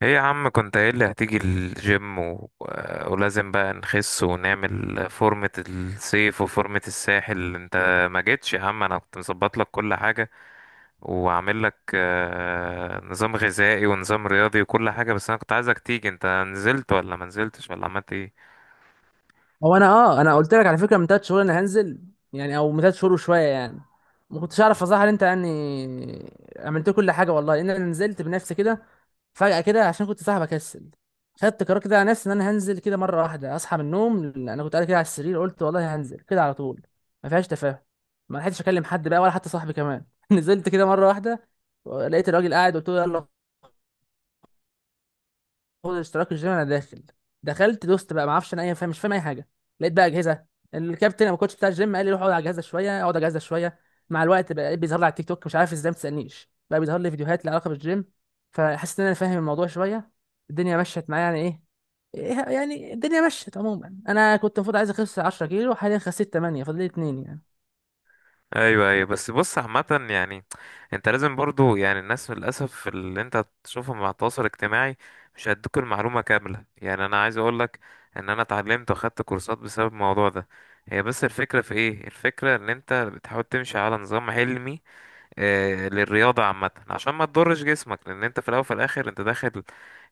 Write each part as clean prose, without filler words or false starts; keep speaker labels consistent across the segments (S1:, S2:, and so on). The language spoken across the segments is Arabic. S1: ايه يا عم كنت قايل لي هتيجي الجيم ولازم بقى نخس ونعمل فورمة الصيف وفورمة الساحل. انت ما جيتش يا عم، انا كنت مظبط لك كل حاجة وعامل لك نظام غذائي ونظام رياضي وكل حاجة، بس انا كنت عايزك تيجي. انت نزلت ولا ما نزلتش ولا عملت ايه؟
S2: هو انا قلت لك على فكره من ثلاث شهور انا هنزل، يعني او من ثلاث شهور وشويه يعني. ما كنتش اعرف اظهر انت يعني. عملت كل حاجه والله، لان انا نزلت بنفسي كده فجاه كده عشان كنت صاحي بكسل. خدت قرار كده على نفسي ان انا هنزل كده مره واحده. اصحى من النوم انا كنت قاعد كده على السرير قلت والله هنزل كده على طول. ما فيهاش تفاهم. ما لحقتش اكلم حد بقى ولا حتى صاحبي كمان نزلت كده مره واحده. لقيت الراجل قاعد قلت له يلا، اخد الاشتراك الجيم انا داخل. دخلت دوست بقى ما اعرفش انا اي، فاهم مش فاهم اي حاجه. لقيت بقى اجهزه. الكابتن أو الكوتش بتاع الجيم قال لي روح اقعد على الجهازه شويه اقعد على الجهازه شويه. مع الوقت بقى بيظهر لي على التيك توك، مش عارف ازاي، ما تسالنيش بقى، بيظهر لي فيديوهات لها علاقه بالجيم. فحسيت ان انا فاهم الموضوع شويه. الدنيا مشيت معايا يعني ايه. إيه، يعني الدنيا مشيت عموما. انا كنت المفروض عايز اخس 10 كيلو، حاليا خسيت 8، فاضل لي 2 يعني.
S1: ايوه ايوه. بس بص، عامة يعني انت لازم برضو، يعني الناس للاسف اللي انت تشوفهم مع التواصل الاجتماعي مش هيدوك المعلومة كاملة. يعني انا عايز اقولك ان انا اتعلمت واخدت كورسات بسبب الموضوع ده. هي بس الفكرة في ايه؟ الفكرة ان انت بتحاول تمشي على نظام علمي آه للرياضة عامة، عشان ما تضرش جسمك، لان انت في الاول وفي الاخر انت داخل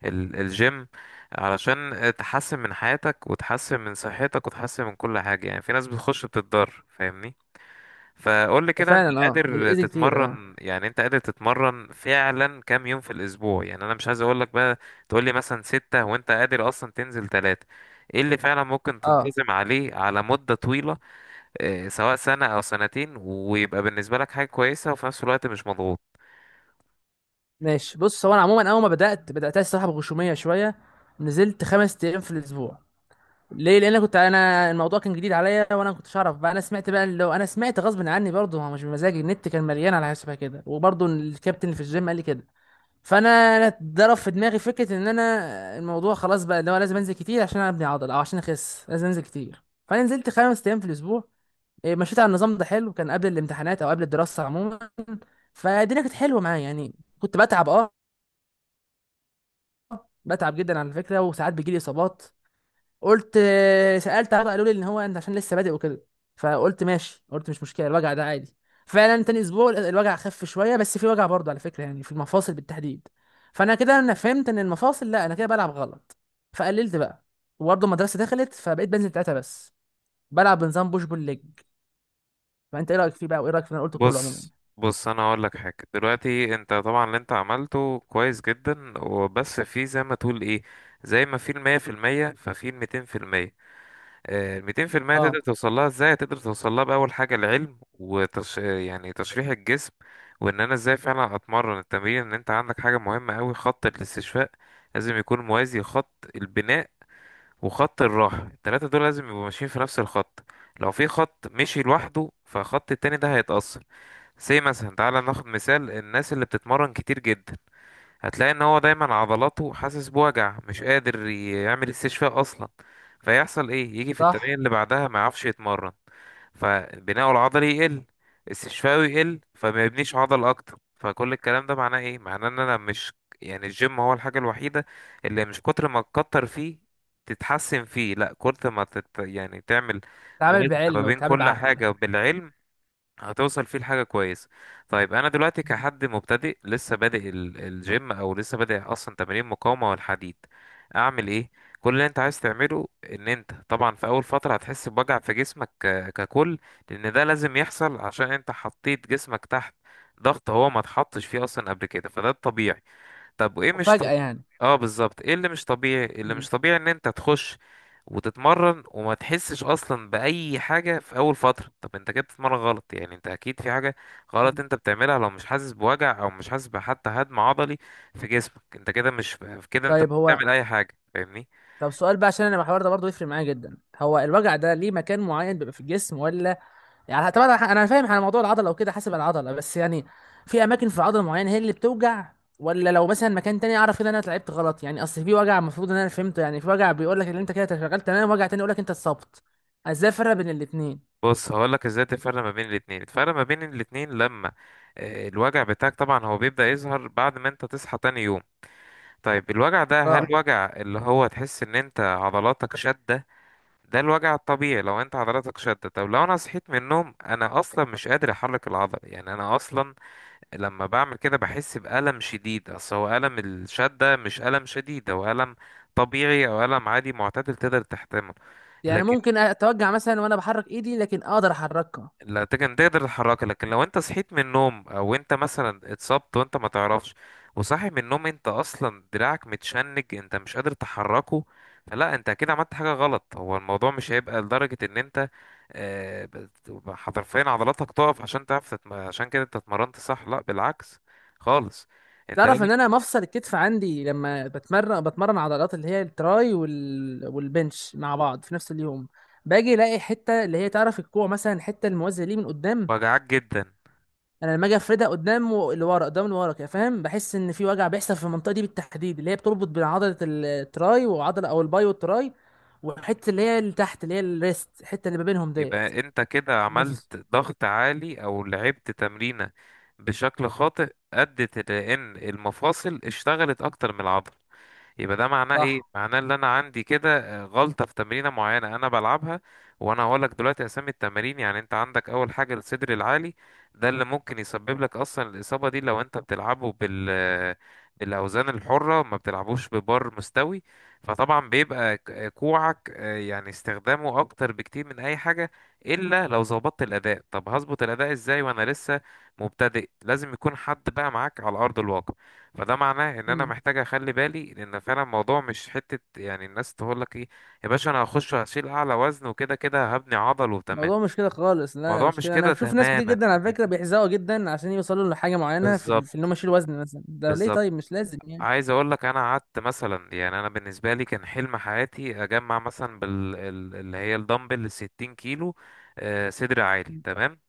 S1: الجيم علشان تحسن من حياتك وتحسن من صحتك وتحسن من كل حاجة. يعني في ناس بتخش بتتضر، فاهمني؟ فقول لي
S2: ده
S1: كده، انت
S2: فعلا
S1: قادر
S2: بيأذي كتير. اه
S1: تتمرن؟ يعني انت قادر تتمرن فعلا كام يوم في الاسبوع؟ يعني انا مش عايز اقول لك بقى تقول لي مثلا ستة وانت قادر اصلا تنزل ثلاثة. ايه اللي فعلا ممكن
S2: اه.
S1: تنتظم عليه على مدة طويلة؟ اه، سواء سنة او سنتين، ويبقى بالنسبة لك حاجة كويسة وفي نفس الوقت مش مضغوط.
S2: ماشي بص، هو انا عموما اول ما بدات الصراحه بغشوميه شويه. نزلت خمس ايام في الاسبوع. ليه؟ لان انا كنت انا الموضوع كان جديد عليا وانا ما كنتش اعرف بقى. انا سمعت بقى، اللي هو انا سمعت غصب عني برضه، هو مش بمزاجي، النت كان مليان على حسابها كده، وبرضه الكابتن اللي في الجيم قال لي كده. فانا ضرب في دماغي فكره ان انا الموضوع خلاص بقى اللي هو لازم انزل كتير عشان ابني عضل او عشان اخس، لازم انزل كتير، فانا نزلت خمس ايام في الاسبوع. إيه، مشيت على النظام ده، حلو، كان قبل الامتحانات او قبل الدراسه عموما. فالدنيا كانت حلوه معايا يعني، كنت بتعب بتعب جدا على فكره. وساعات بيجي لي اصابات. قلت سألت، عرض قالوا لي ان هو انت عشان لسه بادئ وكده. فقلت ماشي، قلت مش مشكلة الوجع ده عادي. فعلا تاني اسبوع الوجع خف شوية، بس في وجع برضه على فكرة يعني، في المفاصل بالتحديد. فانا كده انا فهمت ان المفاصل، لا انا كده بلعب غلط. فقللت بقى، وبرضه المدرسة دخلت، فبقيت بنزل تلاتة بس. بلعب بنظام بوش بول ليج. فانت ايه رأيك فيه بقى وايه رأيك في اللي انا قلته كله عموما؟
S1: بص، انا هقول لك حاجة دلوقتي. انت طبعا اللي انت عملته كويس جدا، وبس في زي ما تقول ايه، زي ما في المية في المية ففي الميتين في المية. الميتين في المية تقدر
S2: اه.
S1: توصل لها ازاي؟ تقدر توصل لها بأول حاجة العلم وتش... آه، يعني تشريح الجسم، وان انا ازاي فعلا اتمرن التمرين. ان انت عندك حاجة مهمة اوي، خط الاستشفاء لازم يكون موازي خط البناء وخط الراحة. التلاتة دول لازم يبقوا ماشيين في نفس الخط. لو في خط مشي لوحده فخط التاني ده هيتأثر. زي مثلا، تعالى ناخد مثال الناس اللي بتتمرن كتير جدا، هتلاقي ان هو دايما عضلاته حاسس بوجع، مش قادر يعمل استشفاء اصلا. فيحصل ايه؟ يجي في التمرين
S2: صح.
S1: اللي بعدها ما يعرفش يتمرن، فبناءه العضلي يقل، استشفائه يقل، فما يبنيش عضل اكتر. فكل الكلام ده معناه ايه؟ معناه ان انا مش، يعني الجيم هو الحاجة الوحيدة اللي مش كتر ما تكتر فيه تتحسن فيه. لا، كتر ما تت... يعني تعمل
S2: تعامل
S1: موازنة ما
S2: بعلم
S1: بين
S2: وتعامل
S1: كل
S2: بعقل.
S1: حاجة بالعلم، هتوصل فيه لحاجة كويسة. طيب أنا دلوقتي
S2: مم.
S1: كحد مبتدئ لسه بادئ الجيم أو لسه بادئ أصلا تمارين مقاومة والحديد، أعمل إيه؟ كل اللي أنت عايز تعمله إن أنت طبعا في أول فترة هتحس بوجع في جسمك ككل، لأن ده لازم يحصل عشان أنت حطيت جسمك تحت ضغط هو ما اتحطش فيه أصلا قبل كده. فده الطبيعي. طب وايه مش
S2: مفاجأة
S1: طبيعي؟
S2: يعني.
S1: اه، بالظبط. ايه اللي مش طبيعي؟ اللي مش
S2: مم.
S1: طبيعي ان انت تخش وتتمرن وما تحسش اصلا باي حاجه في اول فتره. طب انت كده بتتمرن غلط. يعني انت اكيد في حاجه غلط
S2: مم.
S1: انت بتعملها لو مش حاسس بوجع او مش حاسس بحتى هدم عضلي في جسمك. انت كده مش، كده انت مش
S2: طيب، هو
S1: بتعمل اي حاجه، فاهمني؟
S2: سؤال بقى عشان انا الحوار ده برضه يفرق معايا جدا. هو الوجع ده ليه مكان معين بيبقى في الجسم، ولا يعني طبعا، أنا فاهم على موضوع العضله وكده حسب العضله بس يعني، في اماكن في العضله معينه هي اللي بتوجع؟ ولا لو مثلا مكان تاني اعرف كده إن انا لعبت غلط يعني، اصل في وجع المفروض ان انا فهمته يعني، في وجع بيقول لك ان انت كده اتشغلت تمام، وجع تاني يقول لك انت اتصبت. ازاي افرق بين الاثنين؟
S1: بص هقولك ازاي تفرق ما بين الاتنين. الفرق ما بين الاتنين لما الوجع بتاعك طبعا هو بيبدأ يظهر بعد ما انت تصحى تاني يوم. طيب الوجع ده، هل
S2: اه.
S1: وجع اللي هو تحس ان انت عضلاتك شدة؟ ده الوجع الطبيعي لو انت عضلاتك شدت. طب لو انا صحيت من النوم انا اصلا مش قادر احرك العضله، يعني انا اصلا لما بعمل كده بحس بالم شديد. اصل هو الم الشده، مش الم شديد، هو الم طبيعي او الم عادي معتدل تقدر تحتمله.
S2: يعني
S1: لكن
S2: ممكن اتوجع مثلا وانا بحرك ايدي لكن اقدر احركها.
S1: لا، تقدر، تقدر تتحركها. لكن لو انت صحيت من النوم او انت مثلا اتصبت وانت ما تعرفش، وصاحي من النوم انت اصلا دراعك متشنج، انت مش قادر تحركه، فلا، انت اكيد عملت حاجة غلط. هو الموضوع مش هيبقى لدرجة ان انت حرفيا عضلاتك تقف عشان تعرف عشان كده انت اتمرنت صح. لا بالعكس خالص، انت
S2: تعرف
S1: لازم
S2: ان انا مفصل الكتف عندي لما بتمرن بتمرن عضلات اللي هي التراي والبنش مع بعض في نفس اليوم. باجي الاقي حته اللي هي تعرف الكوع مثلا، الحته الموازيه ليه من قدام.
S1: وجعك جدا.
S2: انا لما اجي افردها قدام ولورا قدام لورا كده فاهم، بحس ان في وجع بيحصل في المنطقه دي بالتحديد اللي هي بتربط بين عضله التراي وعضله، او الباي والتراي، والحته اللي هي اللي تحت اللي هي الريست، الحته اللي ما بينهم ديت.
S1: يبقى انت كده
S2: نفس.
S1: عملت ضغط عالي او لعبت تمرينة بشكل خاطئ، ادت لان المفاصل اشتغلت اكتر من العضل. يبقى ده معناه ايه؟
S2: صح.
S1: معناه ان انا عندي كده غلطة في تمرينة معينة انا بلعبها. وانا هقولك دلوقتي اسامي التمارين. يعني انت عندك اول حاجة الصدر العالي، ده اللي ممكن يسبب لك اصلا الاصابة دي، لو انت بتلعبه بال، بالاوزان الحرة ما بتلعبوش ببار مستوي. فطبعا بيبقى كوعك يعني استخدامه اكتر بكتير من اي حاجة، الا لو ظبطت الاداء. طب هظبط الاداء ازاي وانا لسه مبتدئ؟ لازم يكون حد بقى معاك على ارض الواقع. فده معناه ان انا
S2: مم.
S1: محتاج اخلي بالي، لان فعلا الموضوع مش حتة يعني الناس تقول لك ايه، يا باشا انا هخش هشيل اعلى وزن وكده كده هبني عضل وتمام.
S2: الموضوع مش كده خالص. لا لا،
S1: الموضوع
S2: مش
S1: مش
S2: كده. انا
S1: كده
S2: بشوف ناس كتير
S1: تماما،
S2: جدا على فكره
S1: فاهمني؟
S2: بيحزقوا جدا عشان يوصلوا لحاجه معينه في ان
S1: بالظبط،
S2: هم يشيلوا وزن مثلا، ده ليه؟
S1: بالظبط.
S2: طيب مش لازم يعني.
S1: عايز اقول لك انا قعدت مثلا، يعني انا بالنسبة لي كان حلم حياتي اجمع مثلا اللي هي الدمبل 60 كيلو، صدر عالي
S2: م-
S1: تمام.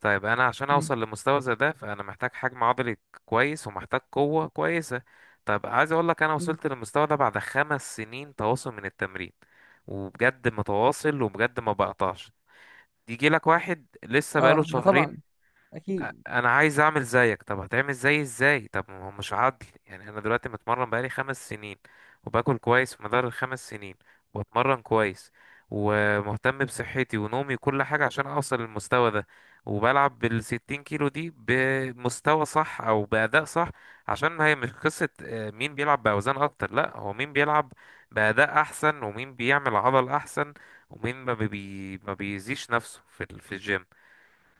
S1: طيب انا عشان
S2: م-
S1: اوصل لمستوى زي ده، فانا محتاج حجم عضلي كويس ومحتاج قوة كويسة. طب عايز اقول لك انا
S2: م.
S1: وصلت للمستوى ده بعد 5 سنين تواصل من التمرين، وبجد متواصل وبجد ما بقطعش. يجي لك واحد لسه بقاله
S2: اه، ده طبعا،
S1: شهرين،
S2: اكيد.
S1: انا عايز اعمل زيك. طب هتعمل زيي ازاي؟ طب ما هو مش عدل، يعني انا دلوقتي متمرن بقالي 5 سنين، وباكل كويس في مدار ال5 سنين، واتمرن كويس، ومهتم بصحتي ونومي وكل حاجة عشان اوصل للمستوى ده، وبلعب بال60 كيلو دي بمستوى صح او بأداء صح. عشان ما هي مش قصة مين بيلعب بأوزان اكتر، لا، هو مين بيلعب بأداء احسن، ومين بيعمل عضل احسن، ومين ما بيزيش نفسه في في الجيم.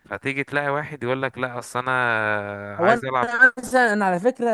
S1: فتيجي تلاقي واحد يقول لك لا، اصل انا
S2: هو
S1: عايز
S2: انا
S1: العب.
S2: مثلا، انا على فكره،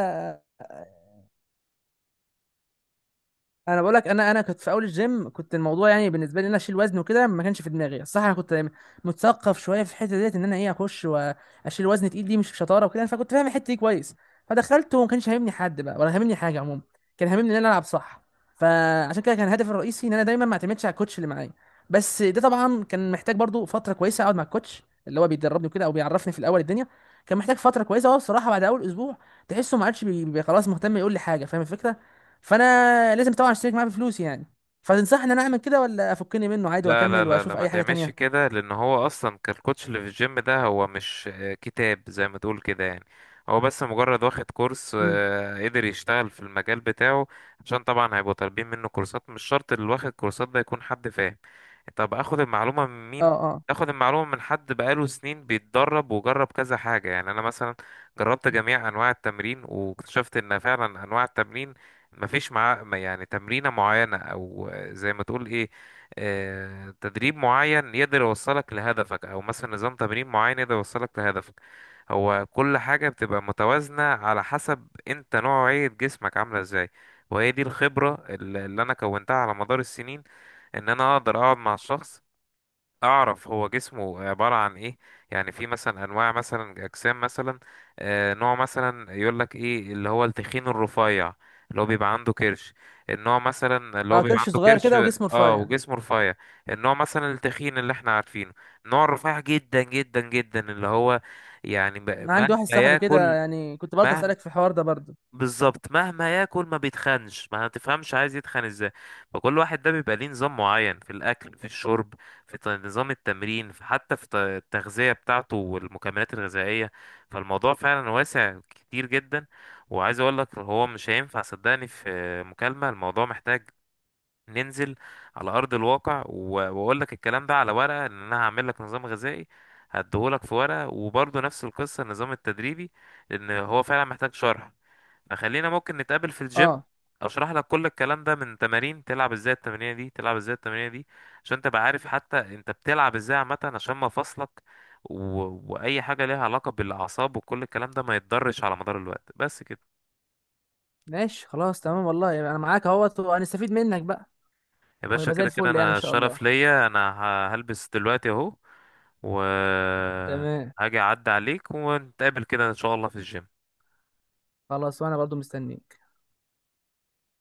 S2: انا بقول لك، انا كنت في اول الجيم، كنت الموضوع يعني بالنسبه لي ان انا اشيل وزن وكده ما كانش في دماغي صح. انا كنت متثقف شويه في الحته ديت ان انا ايه اخش واشيل وزن تقيل، دي مش شطاره وكده، فكنت فاهم الحته دي كويس. فدخلت وما كانش هاممني حد بقى ولا هاممني حاجه عموما، كان هاممني ان انا العب صح. فعشان كده كان هدفي الرئيسي ان انا دايما ما اعتمدش على الكوتش اللي معايا. بس ده طبعا كان محتاج برضو فتره كويسه اقعد مع الكوتش اللي هو بيدربني وكده او بيعرفني في الاول الدنيا. كان محتاج فتره كويسه. هو بصراحه بعد اول اسبوع تحسه ما عادش خلاص مهتم يقول لي حاجه، فاهم الفكره؟ فانا لازم طبعا اشترك معاه بفلوس يعني. فتنصحني ان انا اعمل كده ولا افكني منه عادي
S1: لا لا
S2: واكمل
S1: لا لا،
S2: واشوف
S1: ما
S2: اي حاجه
S1: تعملش
S2: تانية؟
S1: كده، لان هو اصلا كالكوتش اللي في الجيم ده هو مش كتاب زي ما تقول كده، يعني هو بس مجرد واخد كورس
S2: مم.
S1: قدر يشتغل في المجال بتاعه، عشان طبعا هيبقوا طالبين منه كورسات. مش شرط اللي واخد كورسات ده يكون حد فاهم. طب اخد المعلومة من
S2: اه
S1: مين؟
S2: اه.
S1: اخد المعلومة من حد بقاله سنين بيتدرب وجرب كذا حاجة. يعني انا مثلا جربت جميع انواع التمرين واكتشفت ان فعلا انواع التمرين مفيش معاه، يعني تمرينة معينة او زي ما تقول ايه، تدريب معين يقدر يوصلك لهدفك، او مثلا نظام تمرين معين يقدر يوصلك لهدفك. هو كل حاجة بتبقى متوازنة على حسب انت نوعية جسمك عاملة ازاي. وهي دي الخبرة اللي انا كونتها على مدار السنين، ان انا اقدر اقعد مع الشخص اعرف هو جسمه عبارة عن ايه. يعني في مثلا انواع مثلا اجسام مثلا، نوع مثلا يقول لك ايه، اللي هو التخين الرفيع، اللي هو بيبقى عنده كرش. النوع مثلا اللي هو
S2: اه.
S1: بيبقى
S2: كرش
S1: عنده
S2: صغير
S1: كرش
S2: كده وجسمه رفيع
S1: اه
S2: يعني.
S1: وجسمه رفيع. النوع مثلا التخين اللي احنا عارفينه. النوع الرفيع جدا جدا جدا، اللي هو يعني
S2: أنا
S1: مهما
S2: عندي واحد صاحبي كده
S1: ياكل.
S2: يعني، كنت برضه
S1: مهما
S2: اسالك في الحوار ده برضه.
S1: بالظبط مهما ياكل ما بيتخنش، ما تفهمش عايز يتخن ازاي. فكل واحد ده بيبقى ليه نظام معين في الاكل، في الشرب، في نظام التمرين، في حتى في التغذية بتاعته والمكملات الغذائية. فالموضوع فعلا واسع كتير جدا. وعايز اقول لك هو مش هينفع صدقني في مكالمة، الموضوع محتاج ننزل على ارض الواقع، واقول لك الكلام ده على ورقة. ان انا هعمل لك نظام غذائي هديهولك في ورقة، وبرضه نفس القصة النظام التدريبي، لان هو فعلا محتاج شرح. خلينا ممكن نتقابل في الجيم،
S2: اه.
S1: اشرح لك كل الكلام ده من تمارين تلعب ازاي التمرينه دي، تلعب ازاي التمرينه دي، عشان تبقى عارف حتى انت بتلعب ازاي عامه، عشان ما فصلك و... واي حاجه ليها علاقه بالاعصاب وكل الكلام ده ما يتضرش على مدار الوقت. بس كده
S2: ماشي خلاص تمام والله، يعني انا معاك اهوت وهنستفيد منك بقى.
S1: يا باشا،
S2: ونبقى زي
S1: كده كده
S2: الفل يعني ان
S1: انا
S2: شاء الله.
S1: شرف ليا. انا هلبس دلوقتي اهو و
S2: تمام.
S1: هاجي اعدي عليك ونتقابل كده ان شاء الله في الجيم.
S2: خلاص وانا برضه مستنيك.